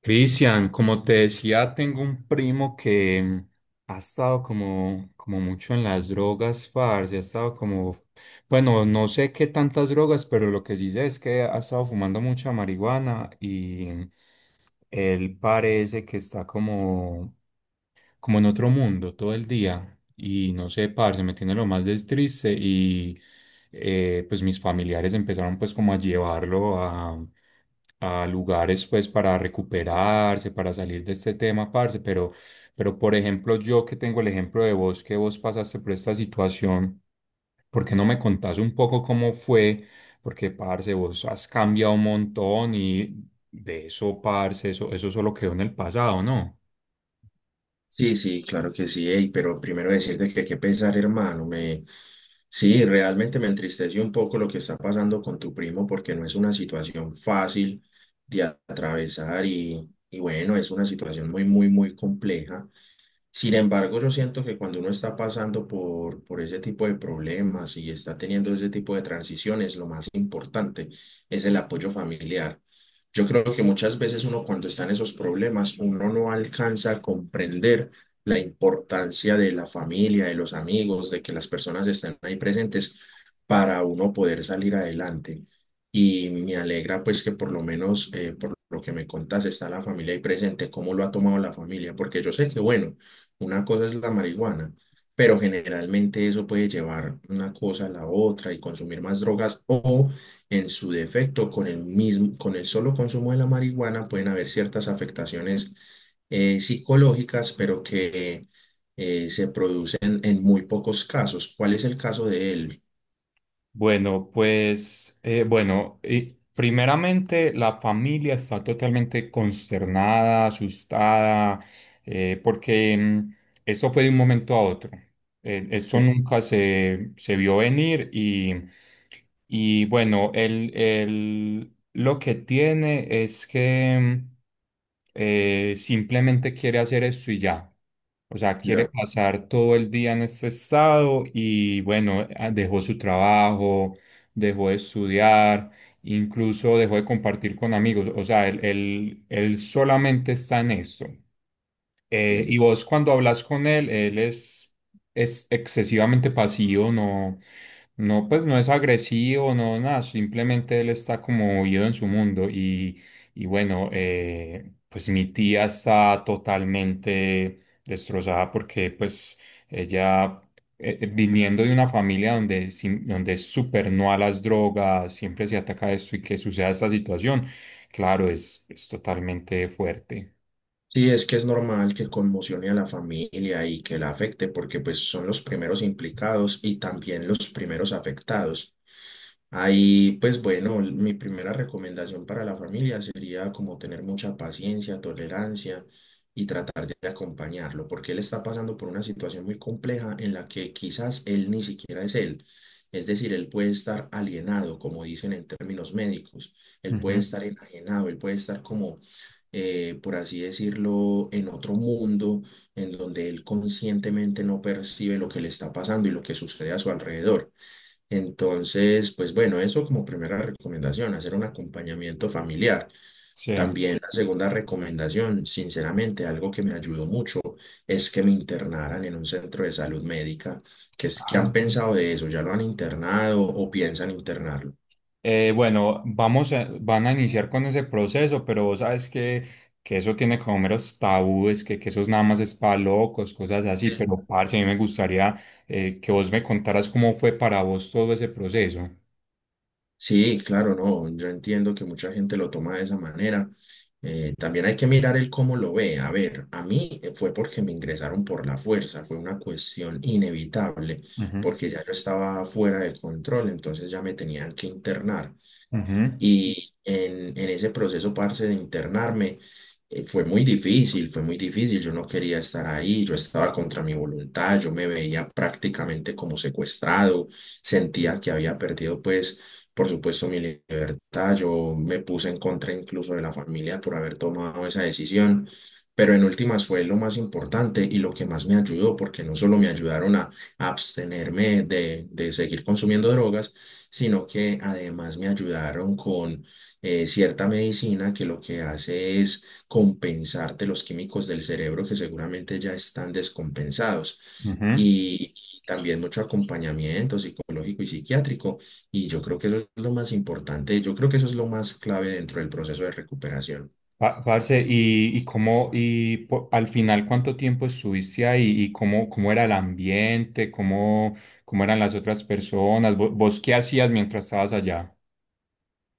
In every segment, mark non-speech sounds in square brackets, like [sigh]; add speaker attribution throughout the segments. Speaker 1: Cristian, como te decía, tengo un primo que ha estado como mucho en las drogas, parce, ha estado como, bueno, no sé qué tantas drogas, pero lo que sí sé es que ha estado fumando mucha marihuana y él parece que está como en otro mundo todo el día y no sé, parce, me tiene lo más des triste y pues mis familiares empezaron pues como a llevarlo a lugares pues para recuperarse, para salir de este tema, parce, pero por ejemplo yo que tengo el ejemplo de vos, que vos pasaste por esta situación, ¿por qué no me contás un poco cómo fue? Porque, parce, vos has cambiado un montón y de eso, parce, eso solo quedó en el pasado, ¿no?
Speaker 2: Sí, sí, claro que sí, ey, pero primero decirte que qué pesar, hermano, me... Sí, realmente me entristece un poco lo que está pasando con tu primo porque no es una situación fácil de atravesar y bueno, es una situación muy, muy, muy compleja. Sin embargo, yo siento que cuando uno está pasando por ese tipo de problemas y está teniendo ese tipo de transiciones, lo más importante es el apoyo familiar. Yo creo que muchas veces uno cuando está en esos problemas, uno no alcanza a comprender la importancia de la familia, de los amigos, de que las personas estén ahí presentes para uno poder salir adelante. Y me alegra pues que por lo menos por lo que me contás está la familia ahí presente, cómo lo ha tomado la familia, porque yo sé que bueno. Una cosa es la marihuana, pero generalmente eso puede llevar una cosa a la otra y consumir más drogas o en su defecto con el mismo, con el solo consumo de la marihuana pueden haber ciertas afectaciones psicológicas, pero que se producen en muy pocos casos. ¿Cuál es el caso de él?
Speaker 1: Bueno, pues, y primeramente la familia está totalmente consternada, asustada, eh, porque mm, eso fue de un momento a otro. Eso
Speaker 2: Sí,
Speaker 1: nunca se vio venir y bueno, el, lo que tiene es que simplemente quiere hacer esto y ya. O sea, quiere
Speaker 2: ya
Speaker 1: pasar todo el día en este estado y bueno, ah, dejó su trabajo, dejó de estudiar, incluso dejó de compartir con amigos. O sea, él solamente está en esto. Y
Speaker 2: entiendo.
Speaker 1: vos cuando hablas con él, es excesivamente pasivo, no, pues no es agresivo, no, nada, simplemente él está como huido en su mundo y bueno, pues mi tía está totalmente destrozada porque pues ella viniendo de una familia donde, donde es súper no a las drogas, siempre se ataca esto y que suceda esta situación, claro, es totalmente fuerte.
Speaker 2: Sí, es que es normal que conmocione a la familia y que la afecte, porque pues son los primeros implicados y también los primeros afectados. Ahí, pues bueno, mi primera recomendación para la familia sería como tener mucha paciencia, tolerancia y tratar de acompañarlo, porque él está pasando por una situación muy compleja en la que quizás él ni siquiera es él. Es decir, él puede estar alienado, como dicen en términos médicos, él puede
Speaker 1: Ujú.
Speaker 2: estar enajenado, él puede estar como, por así decirlo, en otro mundo en donde él conscientemente no percibe lo que le está pasando y lo que sucede a su alrededor. Entonces, pues bueno, eso como primera recomendación, hacer un acompañamiento familiar.
Speaker 1: Sí.
Speaker 2: También la segunda recomendación, sinceramente, algo que me ayudó mucho es que me internaran en un centro de salud médica, que es que han
Speaker 1: Ah.
Speaker 2: pensado de eso, ya lo han internado o piensan internarlo.
Speaker 1: Bueno, van a iniciar con ese proceso, pero vos sabes que, eso tiene como meros tabúes, que eso es nada más es para locos, cosas así, pero parce, a mí me gustaría que vos me contaras cómo fue para vos todo ese proceso.
Speaker 2: Sí, claro, no, yo entiendo que mucha gente lo toma de esa manera. También hay que mirar el cómo lo ve. A ver, a mí fue porque me ingresaron por la fuerza, fue una cuestión inevitable,
Speaker 1: Ujú,
Speaker 2: porque ya yo estaba fuera de control, entonces ya me tenían que internar.
Speaker 1: ujú,
Speaker 2: Y en ese proceso, parce, de internarme, fue muy difícil, fue muy difícil. Yo no quería estar ahí, yo estaba contra mi voluntad, yo me veía prácticamente como secuestrado, sentía que había perdido, pues, por supuesto, mi libertad. Yo me puse en contra incluso de la familia por haber tomado esa decisión. Pero en últimas fue lo más importante y lo que más me ayudó, porque no solo me ayudaron a abstenerme de seguir consumiendo drogas, sino que además me ayudaron con cierta medicina que lo que hace es compensarte los químicos del cerebro que seguramente ya están descompensados.
Speaker 1: ujú.
Speaker 2: Y también mucho acompañamiento psicológico y psiquiátrico. Y yo creo que eso es lo más importante, yo creo que eso es lo más clave dentro del proceso de recuperación.
Speaker 1: Parce, y cómo, y al final cuánto tiempo estuviste ahí y cómo, cómo era el ambiente, cómo, cómo eran las otras personas, vos qué hacías mientras estabas allá.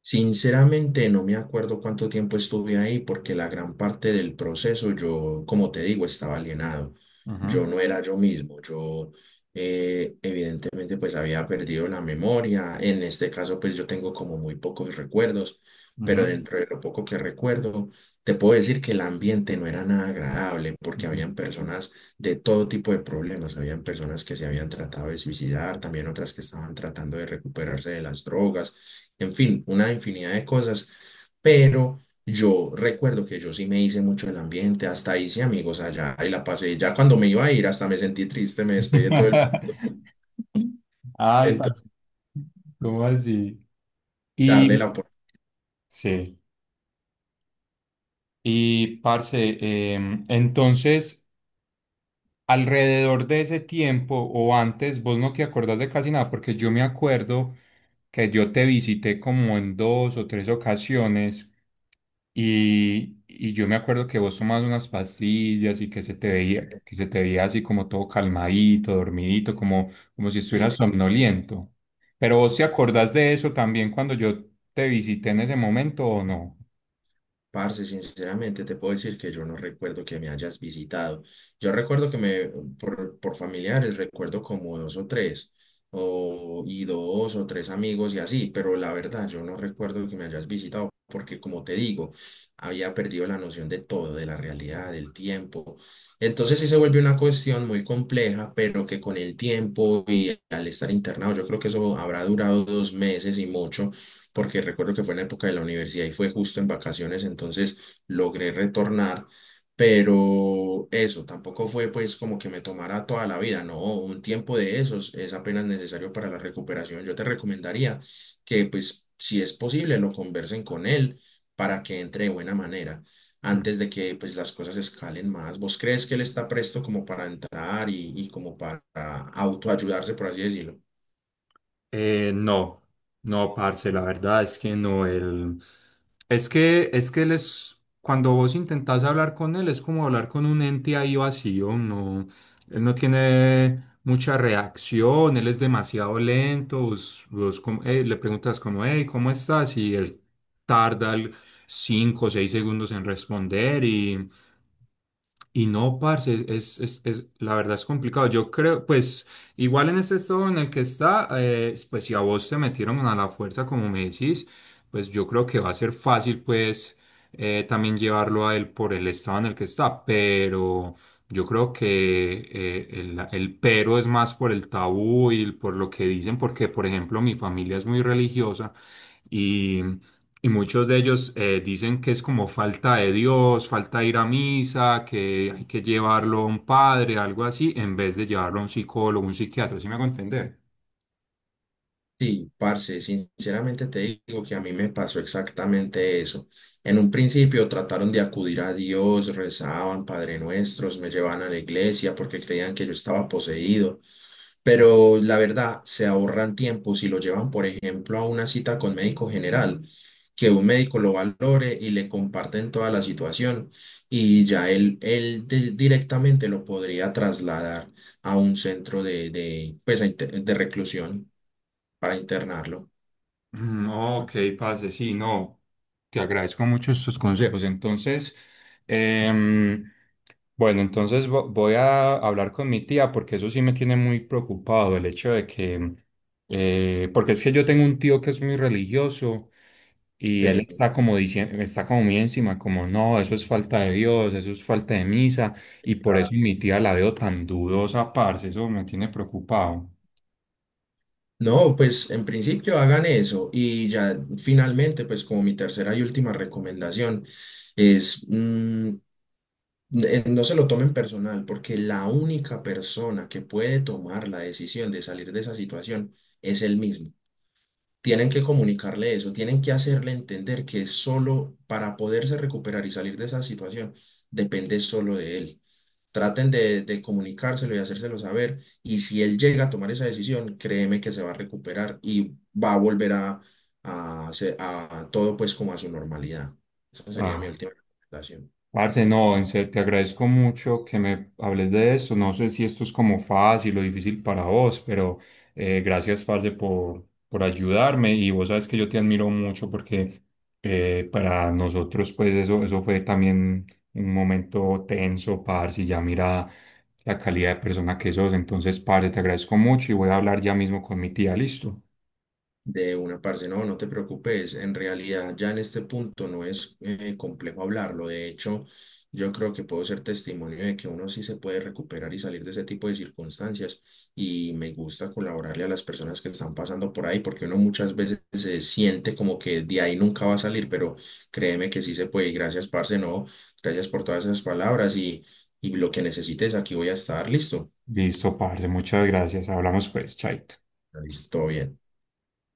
Speaker 2: Sinceramente no me acuerdo cuánto tiempo estuve ahí porque la gran parte del proceso yo, como te digo, estaba alienado.
Speaker 1: Ujú,
Speaker 2: Yo no era yo mismo. Yo evidentemente pues había perdido la memoria. En este caso pues yo tengo como muy pocos recuerdos,
Speaker 1: ujú.
Speaker 2: pero dentro de lo poco que recuerdo, te puedo decir que el ambiente no era nada agradable porque
Speaker 1: Ujú.
Speaker 2: habían personas de todo tipo de problemas. Habían personas que se habían tratado de suicidar, también otras que estaban tratando de recuperarse de las drogas, en fin, una infinidad de cosas. Pero yo recuerdo que yo sí me hice mucho el ambiente, hasta hice amigos allá y la pasé. Ya cuando me iba a ir, hasta me sentí triste, me despedí de todo el mundo.
Speaker 1: [laughs]
Speaker 2: [laughs]
Speaker 1: Ay,
Speaker 2: Entonces,
Speaker 1: parce, ¿cómo así?
Speaker 2: darle
Speaker 1: Y
Speaker 2: la oportunidad.
Speaker 1: sí, y parce, entonces, alrededor de ese tiempo o antes, vos no te acordás de casi nada, porque yo me acuerdo que yo te visité como en dos o tres ocasiones. Y yo me acuerdo que vos tomabas unas pastillas y que se te veía así como todo calmadito, dormidito, como, como si
Speaker 2: Sí,
Speaker 1: estuvieras somnoliento. Pero vos te acordás de eso también cuando yo te visité en ese momento ¿o no?
Speaker 2: parce, sinceramente te puedo decir que yo no recuerdo que me hayas visitado. Yo recuerdo que me, por familiares, recuerdo como dos o tres, o, y dos o tres amigos y así, pero la verdad yo no recuerdo que me hayas visitado porque como te digo, había perdido la noción de todo, de la realidad, del tiempo. Entonces sí se vuelve una cuestión muy compleja, pero que con el tiempo y al estar internado, yo creo que eso habrá durado dos meses y mucho porque recuerdo que fue en la época de la universidad y fue justo en vacaciones, entonces logré retornar, pero eso tampoco fue pues como que me tomara toda la vida, no, un tiempo de esos es apenas necesario para la recuperación. Yo te recomendaría que pues si es posible lo conversen con él para que entre de buena manera antes de que pues las cosas escalen más. ¿Vos crees que él está presto como para entrar y como para autoayudarse, por así decirlo?
Speaker 1: Eh, no, no, parce, la verdad es que no, él, es que él es, cuando vos intentás hablar con él, es como hablar con un ente ahí vacío, no, él no tiene mucha reacción, él es demasiado lento, vos le preguntas como, hey, ¿cómo estás? Y él tarda el- cinco o seis segundos en responder y no, parce, la verdad es complicado. Yo creo, pues, igual en este estado en el que está, pues si a vos te metieron a la fuerza, como me decís, pues yo creo que va a ser fácil, pues, también llevarlo a él por el estado en el que está. Pero yo creo que el pero es más por el tabú y por lo que dicen, porque, por ejemplo, mi familia es muy religiosa. Y muchos de ellos dicen que es como falta de Dios, falta de ir a misa, que hay que llevarlo a un padre, algo así, en vez de llevarlo a un psicólogo, un psiquiatra, ¿sí me hago entender?
Speaker 2: Sí, parce, sinceramente te digo que a mí me pasó exactamente eso. En un principio trataron de acudir a Dios, rezaban Padre Nuestros, me llevaban a la iglesia porque creían que yo estaba poseído, pero la verdad se ahorran tiempo si lo llevan, por ejemplo, a una cita con médico general, que un médico lo valore y le comparten toda la situación y ya él directamente lo podría trasladar a un centro pues, a de reclusión para internarlo.
Speaker 1: Mm. Ok, parce, sí, no, te agradezco mucho estos consejos. Entonces, em, bueno, entonces voy a hablar con mi tía porque eso sí me tiene muy preocupado, el hecho de que, porque es que yo tengo un tío que es muy religioso y él
Speaker 2: Sí.
Speaker 1: está como diciendo, está como muy encima, como no, eso es falta de Dios, eso es falta de misa y por eso mi tía la veo tan dudosa, parce, eso me tiene preocupado.
Speaker 2: No, pues en principio hagan eso y ya finalmente, pues como mi tercera y última recomendación es, no se lo tomen personal porque la única persona que puede tomar la decisión de salir de esa situación es él mismo. Tienen que comunicarle eso, tienen que hacerle entender que solo para poderse recuperar y salir de esa situación depende solo de él. Traten de comunicárselo y hacérselo saber y si él llega a tomar esa decisión, créeme que se va a recuperar y va a volver a todo pues como a su normalidad. Esa sería mi
Speaker 1: Ah.
Speaker 2: última recomendación.
Speaker 1: Parce, no, en serio, te agradezco mucho que me hables de esto. No sé si esto es como fácil o difícil para vos, pero gracias, parce, por ayudarme. Y vos sabes que yo te admiro mucho porque para nosotros, pues, eso fue también un momento tenso, parce, y ya mira la calidad de persona que sos. Entonces, parce, te agradezco mucho y voy a hablar ya mismo con mi tía. Listo.
Speaker 2: De una parte, no, no te preocupes. En realidad, ya en este punto no es complejo hablarlo. De hecho, yo creo que puedo ser testimonio de que uno sí se puede recuperar y salir de ese tipo de circunstancias. Y me gusta colaborarle a las personas que están pasando por ahí, porque uno muchas veces se siente como que de ahí nunca va a salir, pero créeme que sí se puede. Y gracias, parce, no. Gracias por todas esas palabras y lo que necesites, aquí voy a estar. Listo.
Speaker 1: Listo, parce, muchas gracias. Hablamos, pues, chaito.
Speaker 2: Listo, bien.